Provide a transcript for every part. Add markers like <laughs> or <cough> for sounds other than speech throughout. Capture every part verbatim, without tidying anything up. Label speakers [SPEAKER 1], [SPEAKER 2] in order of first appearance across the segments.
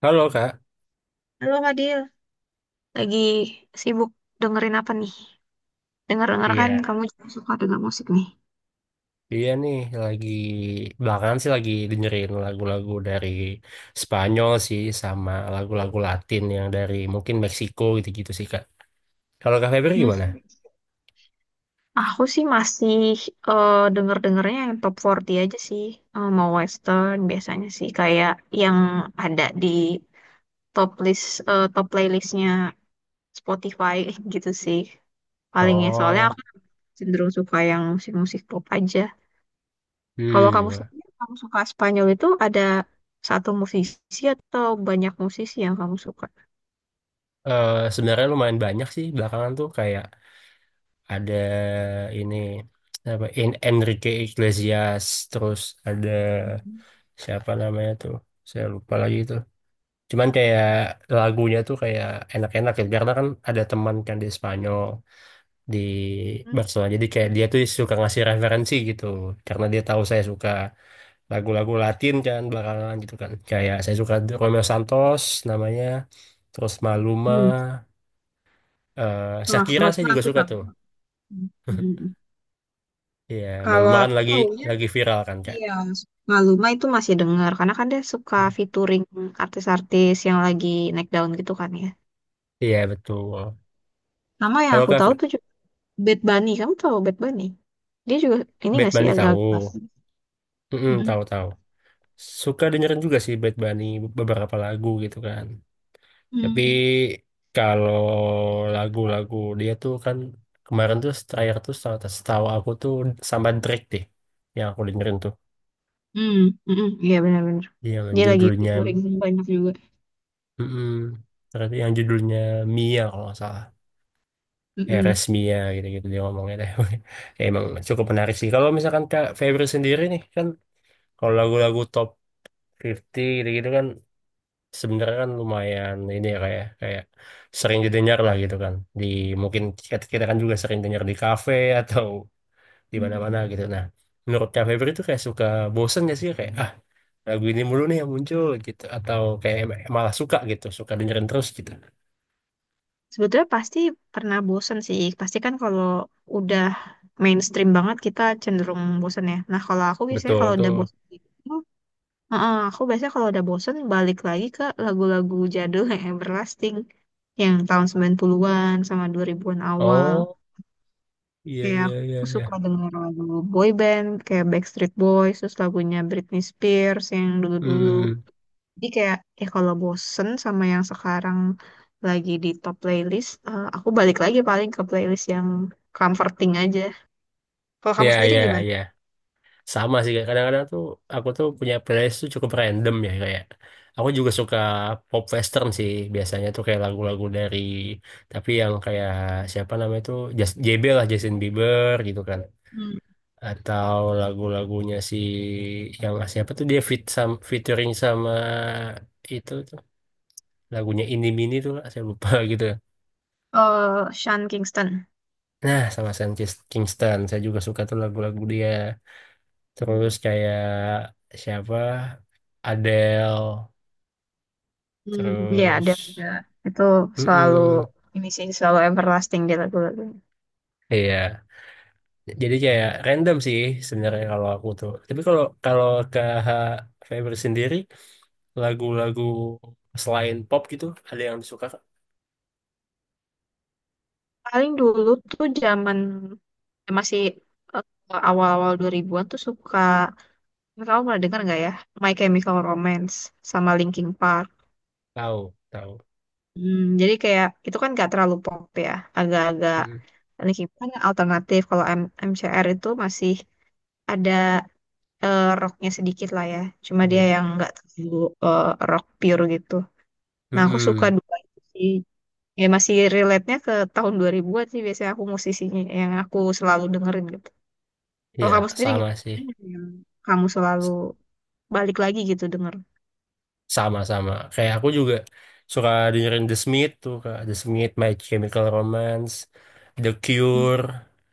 [SPEAKER 1] Halo Kak.
[SPEAKER 2] Halo Fadil, lagi sibuk dengerin apa nih? Dengar-dengar kan
[SPEAKER 1] Iya,
[SPEAKER 2] kamu juga suka denger musik nih.
[SPEAKER 1] iya nih lagi belakangan sih lagi dengerin lagu-lagu dari Spanyol sih sama lagu-lagu Latin yang dari mungkin Meksiko gitu-gitu sih Kak. Kalau Kak Febri
[SPEAKER 2] Hmm.
[SPEAKER 1] gimana?
[SPEAKER 2] Aku sih masih eh, denger-dengernya yang top empat puluh aja sih. Eh, mau western biasanya sih kayak yang ada di top list eh, top playlistnya Spotify <laughs> gitu sih. Palingnya soalnya
[SPEAKER 1] Oh,
[SPEAKER 2] aku cenderung suka yang musik-musik pop aja. Kalau kamu
[SPEAKER 1] hmm.
[SPEAKER 2] sendiri, kamu suka Spanyol itu ada satu musisi atau banyak musisi yang kamu suka?
[SPEAKER 1] Eh, sebenarnya lumayan banyak sih belakangan tuh kayak ada ini apa En- Enrique Iglesias, terus ada siapa namanya tuh? Saya lupa lagi itu. Cuman kayak lagunya tuh kayak enak-enak ya, karena kan ada teman kan di Spanyol, di
[SPEAKER 2] Hmm.
[SPEAKER 1] Barcelona. Jadi kayak dia tuh suka ngasih referensi gitu karena dia tahu saya suka lagu-lagu Latin kan belakangan gitu kan. Kayak saya suka Romeo Santos namanya, terus Maluma,
[SPEAKER 2] Hmm.
[SPEAKER 1] eh
[SPEAKER 2] Wah,
[SPEAKER 1] Shakira saya
[SPEAKER 2] maka
[SPEAKER 1] juga
[SPEAKER 2] aku
[SPEAKER 1] suka
[SPEAKER 2] tahu.
[SPEAKER 1] tuh.
[SPEAKER 2] Hmm. Hmm.
[SPEAKER 1] Iya,
[SPEAKER 2] Kalau
[SPEAKER 1] Maluma kan
[SPEAKER 2] aku
[SPEAKER 1] lagi
[SPEAKER 2] taunya,
[SPEAKER 1] lagi viral kan Kak.
[SPEAKER 2] iya, Maluma itu masih dengar. Karena kan dia suka featuring artis-artis yang lagi naik daun gitu kan ya.
[SPEAKER 1] Iya, betul.
[SPEAKER 2] Nama yang
[SPEAKER 1] Kalau
[SPEAKER 2] aku tahu
[SPEAKER 1] Kak
[SPEAKER 2] tuh juga Bad Bunny. Kamu tahu Bad Bunny? Dia juga, ini
[SPEAKER 1] Bad
[SPEAKER 2] gak sih
[SPEAKER 1] Bunny,
[SPEAKER 2] agak-agak.
[SPEAKER 1] tahu. Mm-mm,
[SPEAKER 2] Mm-mm.
[SPEAKER 1] tahu-tahu. Suka dengerin juga sih Bad Bunny beberapa lagu gitu kan. Tapi
[SPEAKER 2] Hmm.
[SPEAKER 1] kalau lagu-lagu dia tuh kan, kemarin tuh terakhir tuh setahu setahu aku tuh sama Drake deh yang aku dengerin tuh.
[SPEAKER 2] Hmm. Mm-mm. Iya, benar-benar.
[SPEAKER 1] Yang
[SPEAKER 2] Dia lagi
[SPEAKER 1] judulnya
[SPEAKER 2] featuring banyak juga.
[SPEAKER 1] mm ternyata yang judulnya Mia kalau nggak salah.
[SPEAKER 2] Mm-mm.
[SPEAKER 1] R S Mia gitu-gitu dia ngomongnya deh. <laughs> Ya, emang cukup menarik sih. Kalau misalkan Kak Febri sendiri nih kan, kalau lagu-lagu top lima puluh gitu-gitu kan, sebenarnya kan lumayan ini ya, kayak kayak sering didengar lah gitu kan, di mungkin kita, kita kan juga sering dengar di kafe atau di mana-mana
[SPEAKER 2] Mm-mm.
[SPEAKER 1] gitu, nah menurut Kak Febri itu kayak suka bosen gak sih kayak, ah, lagu ini mulu nih yang muncul gitu, atau kayak em- malah suka gitu, suka dengerin terus gitu.
[SPEAKER 2] Sebetulnya pasti pernah bosen sih. Pasti kan kalau udah mainstream banget kita cenderung bosen ya. Nah kalau aku biasanya
[SPEAKER 1] Betul
[SPEAKER 2] kalau
[SPEAKER 1] tuh.
[SPEAKER 2] udah bosen gitu, heeh, aku biasanya kalau udah bosen balik lagi ke lagu-lagu jadul <laughs> yang everlasting. Yang tahun sembilan puluhan-an sama dua ribuan-an awal.
[SPEAKER 1] Oh, iya
[SPEAKER 2] Kayak
[SPEAKER 1] iya iya
[SPEAKER 2] aku
[SPEAKER 1] iya.
[SPEAKER 2] suka denger lagu boy band kayak Backstreet Boys, terus lagunya Britney Spears yang dulu-dulu.
[SPEAKER 1] Hmm,
[SPEAKER 2] Jadi kayak ya kalau bosen sama yang sekarang lagi di top playlist, eh, aku balik lagi paling ke playlist yang comforting aja. Kalau kamu
[SPEAKER 1] iya
[SPEAKER 2] sendiri
[SPEAKER 1] iya
[SPEAKER 2] gimana?
[SPEAKER 1] iya, sama sih Kak. Kadang-kadang tuh aku tuh punya playlist tuh cukup random ya, kayak aku juga suka pop western sih biasanya tuh, kayak lagu-lagu dari, tapi yang kayak, siapa namanya tuh, Jas- J B lah, Justin Bieber gitu kan.
[SPEAKER 2] Hmm.
[SPEAKER 1] Atau lagu-lagunya si, yang siapa tuh, dia fit sam featuring sama itu tuh, lagunya ini mini tuh Kak. Saya lupa <laughs> gitu.
[SPEAKER 2] Oh, Sean Kingston.
[SPEAKER 1] Nah, sama Sam Kis- Kingston saya juga suka tuh lagu-lagu dia, terus
[SPEAKER 2] Hmm.
[SPEAKER 1] kayak siapa, Adele.
[SPEAKER 2] Hmm, ya ada juga.
[SPEAKER 1] Terus,
[SPEAKER 2] Itu selalu
[SPEAKER 1] mm,
[SPEAKER 2] ini sih selalu everlasting di lagu-lagunya.
[SPEAKER 1] iya. Jadi kayak random sih sebenarnya kalau aku tuh. Tapi kalau kalau K H Feber sendiri, lagu-lagu selain pop gitu, ada yang disuka Kak?
[SPEAKER 2] Paling dulu tuh zaman masih eh, awal-awal dua ribuan-an tuh suka, kamu pernah dengar nggak ya? My Chemical Romance sama Linkin Park.
[SPEAKER 1] Tahu, tahu.
[SPEAKER 2] Hmm, jadi kayak itu kan gak terlalu pop ya, agak-agak
[SPEAKER 1] Mm-mm.
[SPEAKER 2] ini kan alternatif. Kalau M MCR itu masih ada, eh, rocknya sedikit lah ya, cuma dia
[SPEAKER 1] Iya.
[SPEAKER 2] yang nggak terlalu eh, rock pure gitu. Nah aku suka
[SPEAKER 1] Mm-mm.
[SPEAKER 2] dua itu sih, ya masih relate-nya ke tahun dua ribuan-an sih biasanya aku musisinya yang aku selalu dengerin gitu. Kalau
[SPEAKER 1] Iya,
[SPEAKER 2] kamu sendiri
[SPEAKER 1] sama
[SPEAKER 2] gimana?
[SPEAKER 1] sih.
[SPEAKER 2] Ada nggak yang kamu selalu
[SPEAKER 1] S-
[SPEAKER 2] balik lagi gitu denger?
[SPEAKER 1] Sama-sama. Kayak aku juga suka dengerin The Smith tuh, Kak. The Smith, My Chemical Romance, The
[SPEAKER 2] Hmm,
[SPEAKER 1] Cure.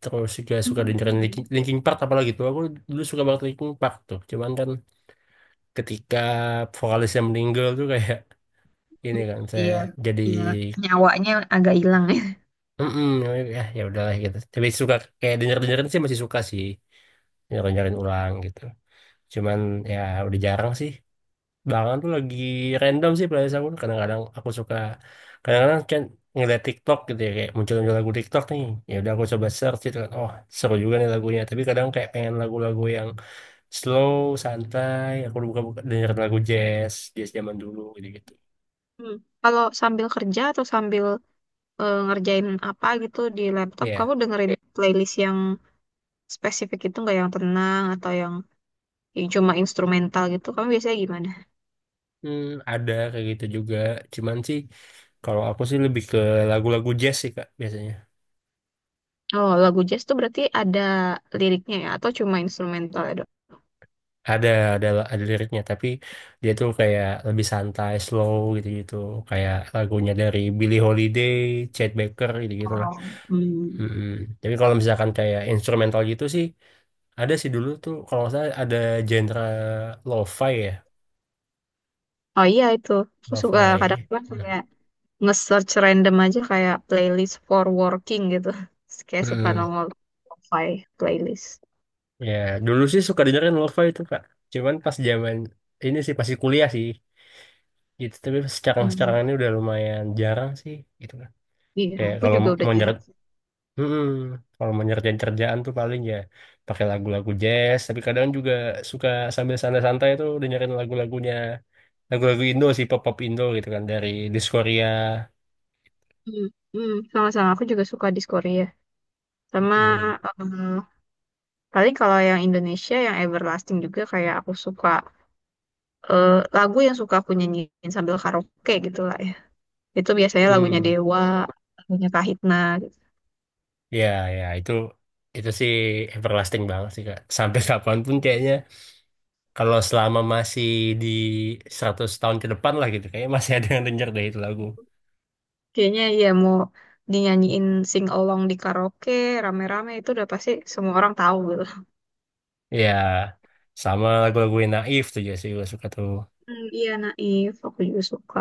[SPEAKER 1] Terus juga suka
[SPEAKER 2] hmm,
[SPEAKER 1] dengerin Linkin
[SPEAKER 2] hmm.
[SPEAKER 1] Linkin Park, apalagi tuh. Aku dulu suka banget Linkin Park tuh. Cuman kan ketika vokalisnya meninggal tuh kayak ini kan, saya
[SPEAKER 2] Iya,
[SPEAKER 1] jadi
[SPEAKER 2] iya, nyawanya agak hilang <laughs>
[SPEAKER 1] mm ya ya udahlah gitu, tapi suka kayak denger dengerin sih, masih suka sih dengerin dengerin ulang gitu, cuman ya udah jarang sih, belakangan tuh lagi random sih playlist aku, kadang-kadang aku suka, kadang-kadang kan ngeliat TikTok gitu ya, kayak muncul-muncul lagu TikTok nih, ya udah aku coba search gitu kan, oh seru juga nih lagunya, tapi kadang kayak pengen lagu-lagu yang slow, santai, aku buka-buka dengerin lagu jazz jazz zaman dulu gitu gitu
[SPEAKER 2] Hmm. Kalau sambil kerja atau sambil eh, ngerjain apa gitu di laptop, kamu
[SPEAKER 1] ya.
[SPEAKER 2] dengerin playlist yang spesifik itu nggak, yang tenang atau yang, yang cuma instrumental gitu? Kamu biasanya gimana?
[SPEAKER 1] Hmm, ada kayak gitu juga. Cuman sih kalau aku sih lebih ke lagu-lagu jazz sih Kak biasanya.
[SPEAKER 2] Oh, lagu jazz tuh berarti ada liriknya ya atau cuma instrumental ya, Dok?
[SPEAKER 1] Ada ada ada liriknya, tapi dia tuh kayak lebih santai, slow gitu-gitu. Kayak lagunya dari Billie Holiday, Chet Baker gitu-gitu lah.
[SPEAKER 2] Oh, hmm.
[SPEAKER 1] Mm-mm. Tapi kalau misalkan kayak instrumental gitu sih, ada sih dulu tuh, kalau saya ada genre lo-fi ya,
[SPEAKER 2] Oh iya itu, aku suka
[SPEAKER 1] lo-fi.
[SPEAKER 2] kadang-kadang kayak nge-search random aja kayak playlist for working gitu. <laughs> Terus kayak suka
[SPEAKER 1] Mm.
[SPEAKER 2] nongol Spotify playlist.
[SPEAKER 1] Ya, dulu sih suka dengerin lo-fi itu, Kak. Cuman pas zaman ini sih pasti kuliah sih gitu. Tapi sekarang-sekarang
[SPEAKER 2] Hmm.
[SPEAKER 1] ini udah lumayan jarang sih gitu kan.
[SPEAKER 2] Iya,
[SPEAKER 1] Kayak
[SPEAKER 2] aku
[SPEAKER 1] kalau
[SPEAKER 2] juga udah
[SPEAKER 1] mau
[SPEAKER 2] jarang.
[SPEAKER 1] nyeret Mm-mm. Kalau mau nyerjain kerjaan tuh paling ya pakai lagu-lagu jazz, tapi kadang juga suka sambil santai-santai tuh dengerin lagu-lagunya lagu-lagu Indo sih, pop-pop Indo gitu kan, dari Diskoria.
[SPEAKER 2] Hmm, hmm, sama-sama aku juga suka di Korea. Sama
[SPEAKER 1] Mm.
[SPEAKER 2] eh, paling kalau yang Indonesia yang everlasting juga kayak aku suka eh, lagu yang suka aku nyanyiin sambil karaoke gitu lah ya. Itu biasanya lagunya
[SPEAKER 1] Hmm,
[SPEAKER 2] Dewa, lagunya Kahitna gitu.
[SPEAKER 1] ya, ya itu itu sih everlasting banget sih Kak. Sampai <laughs> kapanpun kayaknya. Kalau selama masih di seratus tahun ke depan lah gitu, kayaknya masih ada yang denger deh itu lagu.
[SPEAKER 2] Kayaknya ya mau dinyanyiin sing along di karaoke rame-rame itu udah pasti semua orang tahu gitu.
[SPEAKER 1] Ya, sama lagu-lagu yang naif tuh ya sih gue suka tuh.
[SPEAKER 2] Hmm, iya Naif, aku juga suka.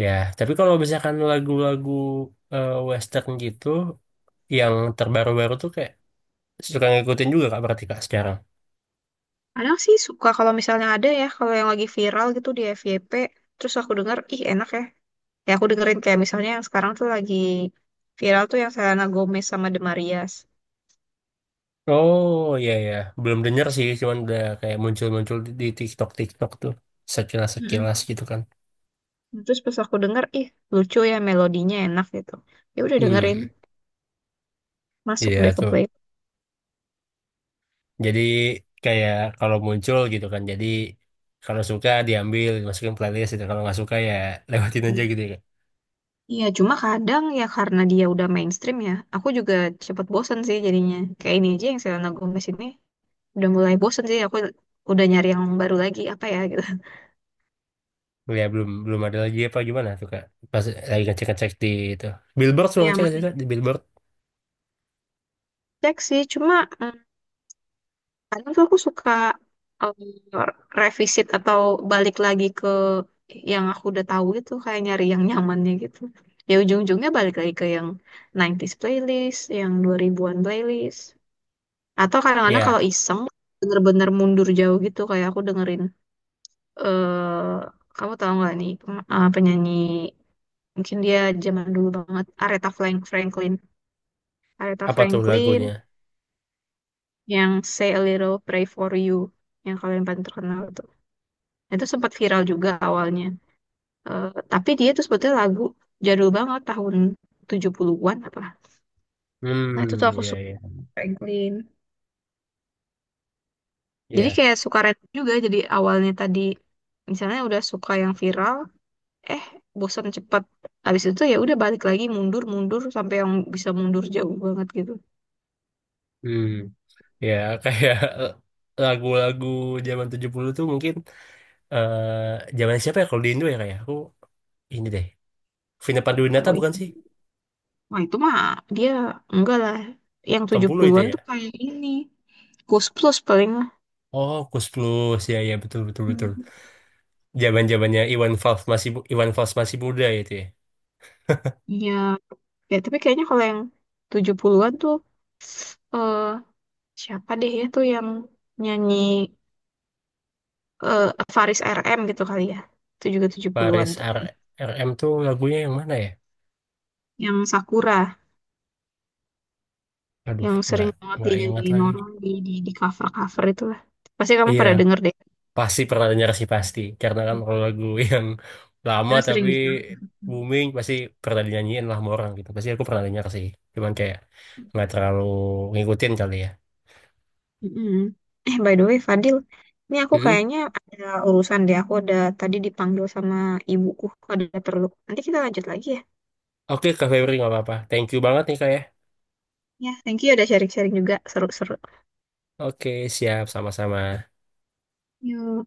[SPEAKER 1] Ya, tapi kalau misalkan lagu-lagu eh, western gitu, yang terbaru-baru tuh kayak suka ngikutin juga Kak, berarti Kak sekarang.
[SPEAKER 2] Kadang sih suka kalau misalnya ada ya, kalau yang lagi viral gitu di F Y P, terus aku dengar, ih enak ya, ya aku dengerin kayak misalnya yang sekarang tuh lagi viral tuh yang Selena Gomez sama The Marias.
[SPEAKER 1] Oh iya ya, belum denger sih, cuman udah kayak muncul-muncul di di TikTok-Tiktok tuh,
[SPEAKER 2] Mm-mm.
[SPEAKER 1] sekilas-sekilas gitu kan.
[SPEAKER 2] Terus pas aku denger, ih lucu ya melodinya enak gitu, ya udah
[SPEAKER 1] Hmm,
[SPEAKER 2] dengerin, masuk
[SPEAKER 1] iya
[SPEAKER 2] deh ke
[SPEAKER 1] tuh.
[SPEAKER 2] play.
[SPEAKER 1] Jadi kayak kalau muncul gitu kan. Jadi kalau suka, diambil, dimasukin playlist gitu. Kalau nggak suka ya <laughs> lewatin aja gitu ya.
[SPEAKER 2] Iya, cuma kadang ya karena dia udah mainstream ya, aku juga cepet bosen sih jadinya. Kayak ini aja yang Selena Gomez ini udah mulai bosen sih, aku udah nyari yang baru lagi, apa ya gitu.
[SPEAKER 1] Ya, belum belum ada lagi apa gimana tuh Kak? Pas lagi ngecek-ngecek di itu, Billboard, suka
[SPEAKER 2] Iya,
[SPEAKER 1] ngecek
[SPEAKER 2] masih.
[SPEAKER 1] ngecek di Billboard.
[SPEAKER 2] Cek sih, cuma mm, kadang tuh aku suka um, revisit atau balik lagi ke yang aku udah tahu gitu kayak nyari yang nyamannya gitu, ya ujung-ujungnya balik lagi ke yang nineties playlist, yang dua ribuan-an playlist, atau kadang-kadang
[SPEAKER 1] Ya,
[SPEAKER 2] kalau iseng bener-bener mundur jauh gitu kayak aku dengerin, eh kamu tahu nggak nih, pem- eh, penyanyi mungkin dia zaman dulu banget, Aretha Frank- Franklin Aretha
[SPEAKER 1] apa tuh lagunya?
[SPEAKER 2] Franklin, yang Say a Little Pray for You yang kalian paling terkenal itu itu sempat viral juga awalnya. Eh, tapi dia tuh sebetulnya lagu jadul banget tahun tujuh puluhan-an apa. Nah, itu tuh
[SPEAKER 1] Hmm,
[SPEAKER 2] aku
[SPEAKER 1] ya
[SPEAKER 2] suka
[SPEAKER 1] ya.
[SPEAKER 2] Franklin. Jadi
[SPEAKER 1] Ya.
[SPEAKER 2] kayak suka random juga. Jadi awalnya tadi misalnya udah suka yang viral, eh bosan cepet. Habis itu ya udah balik lagi mundur-mundur sampai yang bisa mundur jauh banget gitu.
[SPEAKER 1] Hmm. Ya, kayak <laughs> lagu-lagu zaman tujuh puluh tuh mungkin, eh zaman siapa ya kalau di Indo ya, kayak aku ini deh. Vina Panduwinata
[SPEAKER 2] Kalau
[SPEAKER 1] bukan
[SPEAKER 2] itu,
[SPEAKER 1] sih?
[SPEAKER 2] wah itu mah dia enggak lah. Yang
[SPEAKER 1] Delapan puluh itu
[SPEAKER 2] tujuh puluhan-an
[SPEAKER 1] ya.
[SPEAKER 2] tuh kayak ini. Ghost Plus paling lah.
[SPEAKER 1] Oh, Kus Plus. Ya, ya, betul, betul,
[SPEAKER 2] Hmm.
[SPEAKER 1] betul. Jaman-jamannya Iwan Fals masih bu- Iwan Fals masih muda itu ya.
[SPEAKER 2] Ya, ya tapi kayaknya kalau yang tujuh puluhan-an tuh eh siapa deh ya tuh yang nyanyi, eh, Faris R M gitu kali ya. Itu juga
[SPEAKER 1] Paris
[SPEAKER 2] tujuh puluhan-an tuh
[SPEAKER 1] R
[SPEAKER 2] kayaknya.
[SPEAKER 1] RM tuh lagunya yang mana ya?
[SPEAKER 2] Yang Sakura,
[SPEAKER 1] Aduh,
[SPEAKER 2] yang
[SPEAKER 1] nggak
[SPEAKER 2] sering banget dia
[SPEAKER 1] nggak
[SPEAKER 2] nyanyi
[SPEAKER 1] ingat lagi.
[SPEAKER 2] Noron di di, di cover-cover itulah. Pasti kamu
[SPEAKER 1] Iya,
[SPEAKER 2] pada denger deh.
[SPEAKER 1] pasti pernah dengar sih pasti. Karena kan kalau lagu <laughs> yang lama
[SPEAKER 2] Karena sering
[SPEAKER 1] tapi
[SPEAKER 2] di cover.
[SPEAKER 1] booming pasti pernah dinyanyiin lah sama orang gitu. Pasti aku pernah dengar sih. Cuman kayak nggak terlalu ngikutin kali ya.
[SPEAKER 2] Mm-mm. Eh, by the way, Fadil, ini aku
[SPEAKER 1] Mm-mm.
[SPEAKER 2] kayaknya ada urusan deh. Aku ada tadi dipanggil sama ibuku, ada perlu. Nanti kita lanjut lagi ya.
[SPEAKER 1] Oke, Kak Febri, nggak apa-apa. Thank you banget nih Kak ya.
[SPEAKER 2] Ya, thank you udah sharing-sharing juga. Seru-seru.
[SPEAKER 1] Oke, siap. Sama-sama.
[SPEAKER 2] Yuk.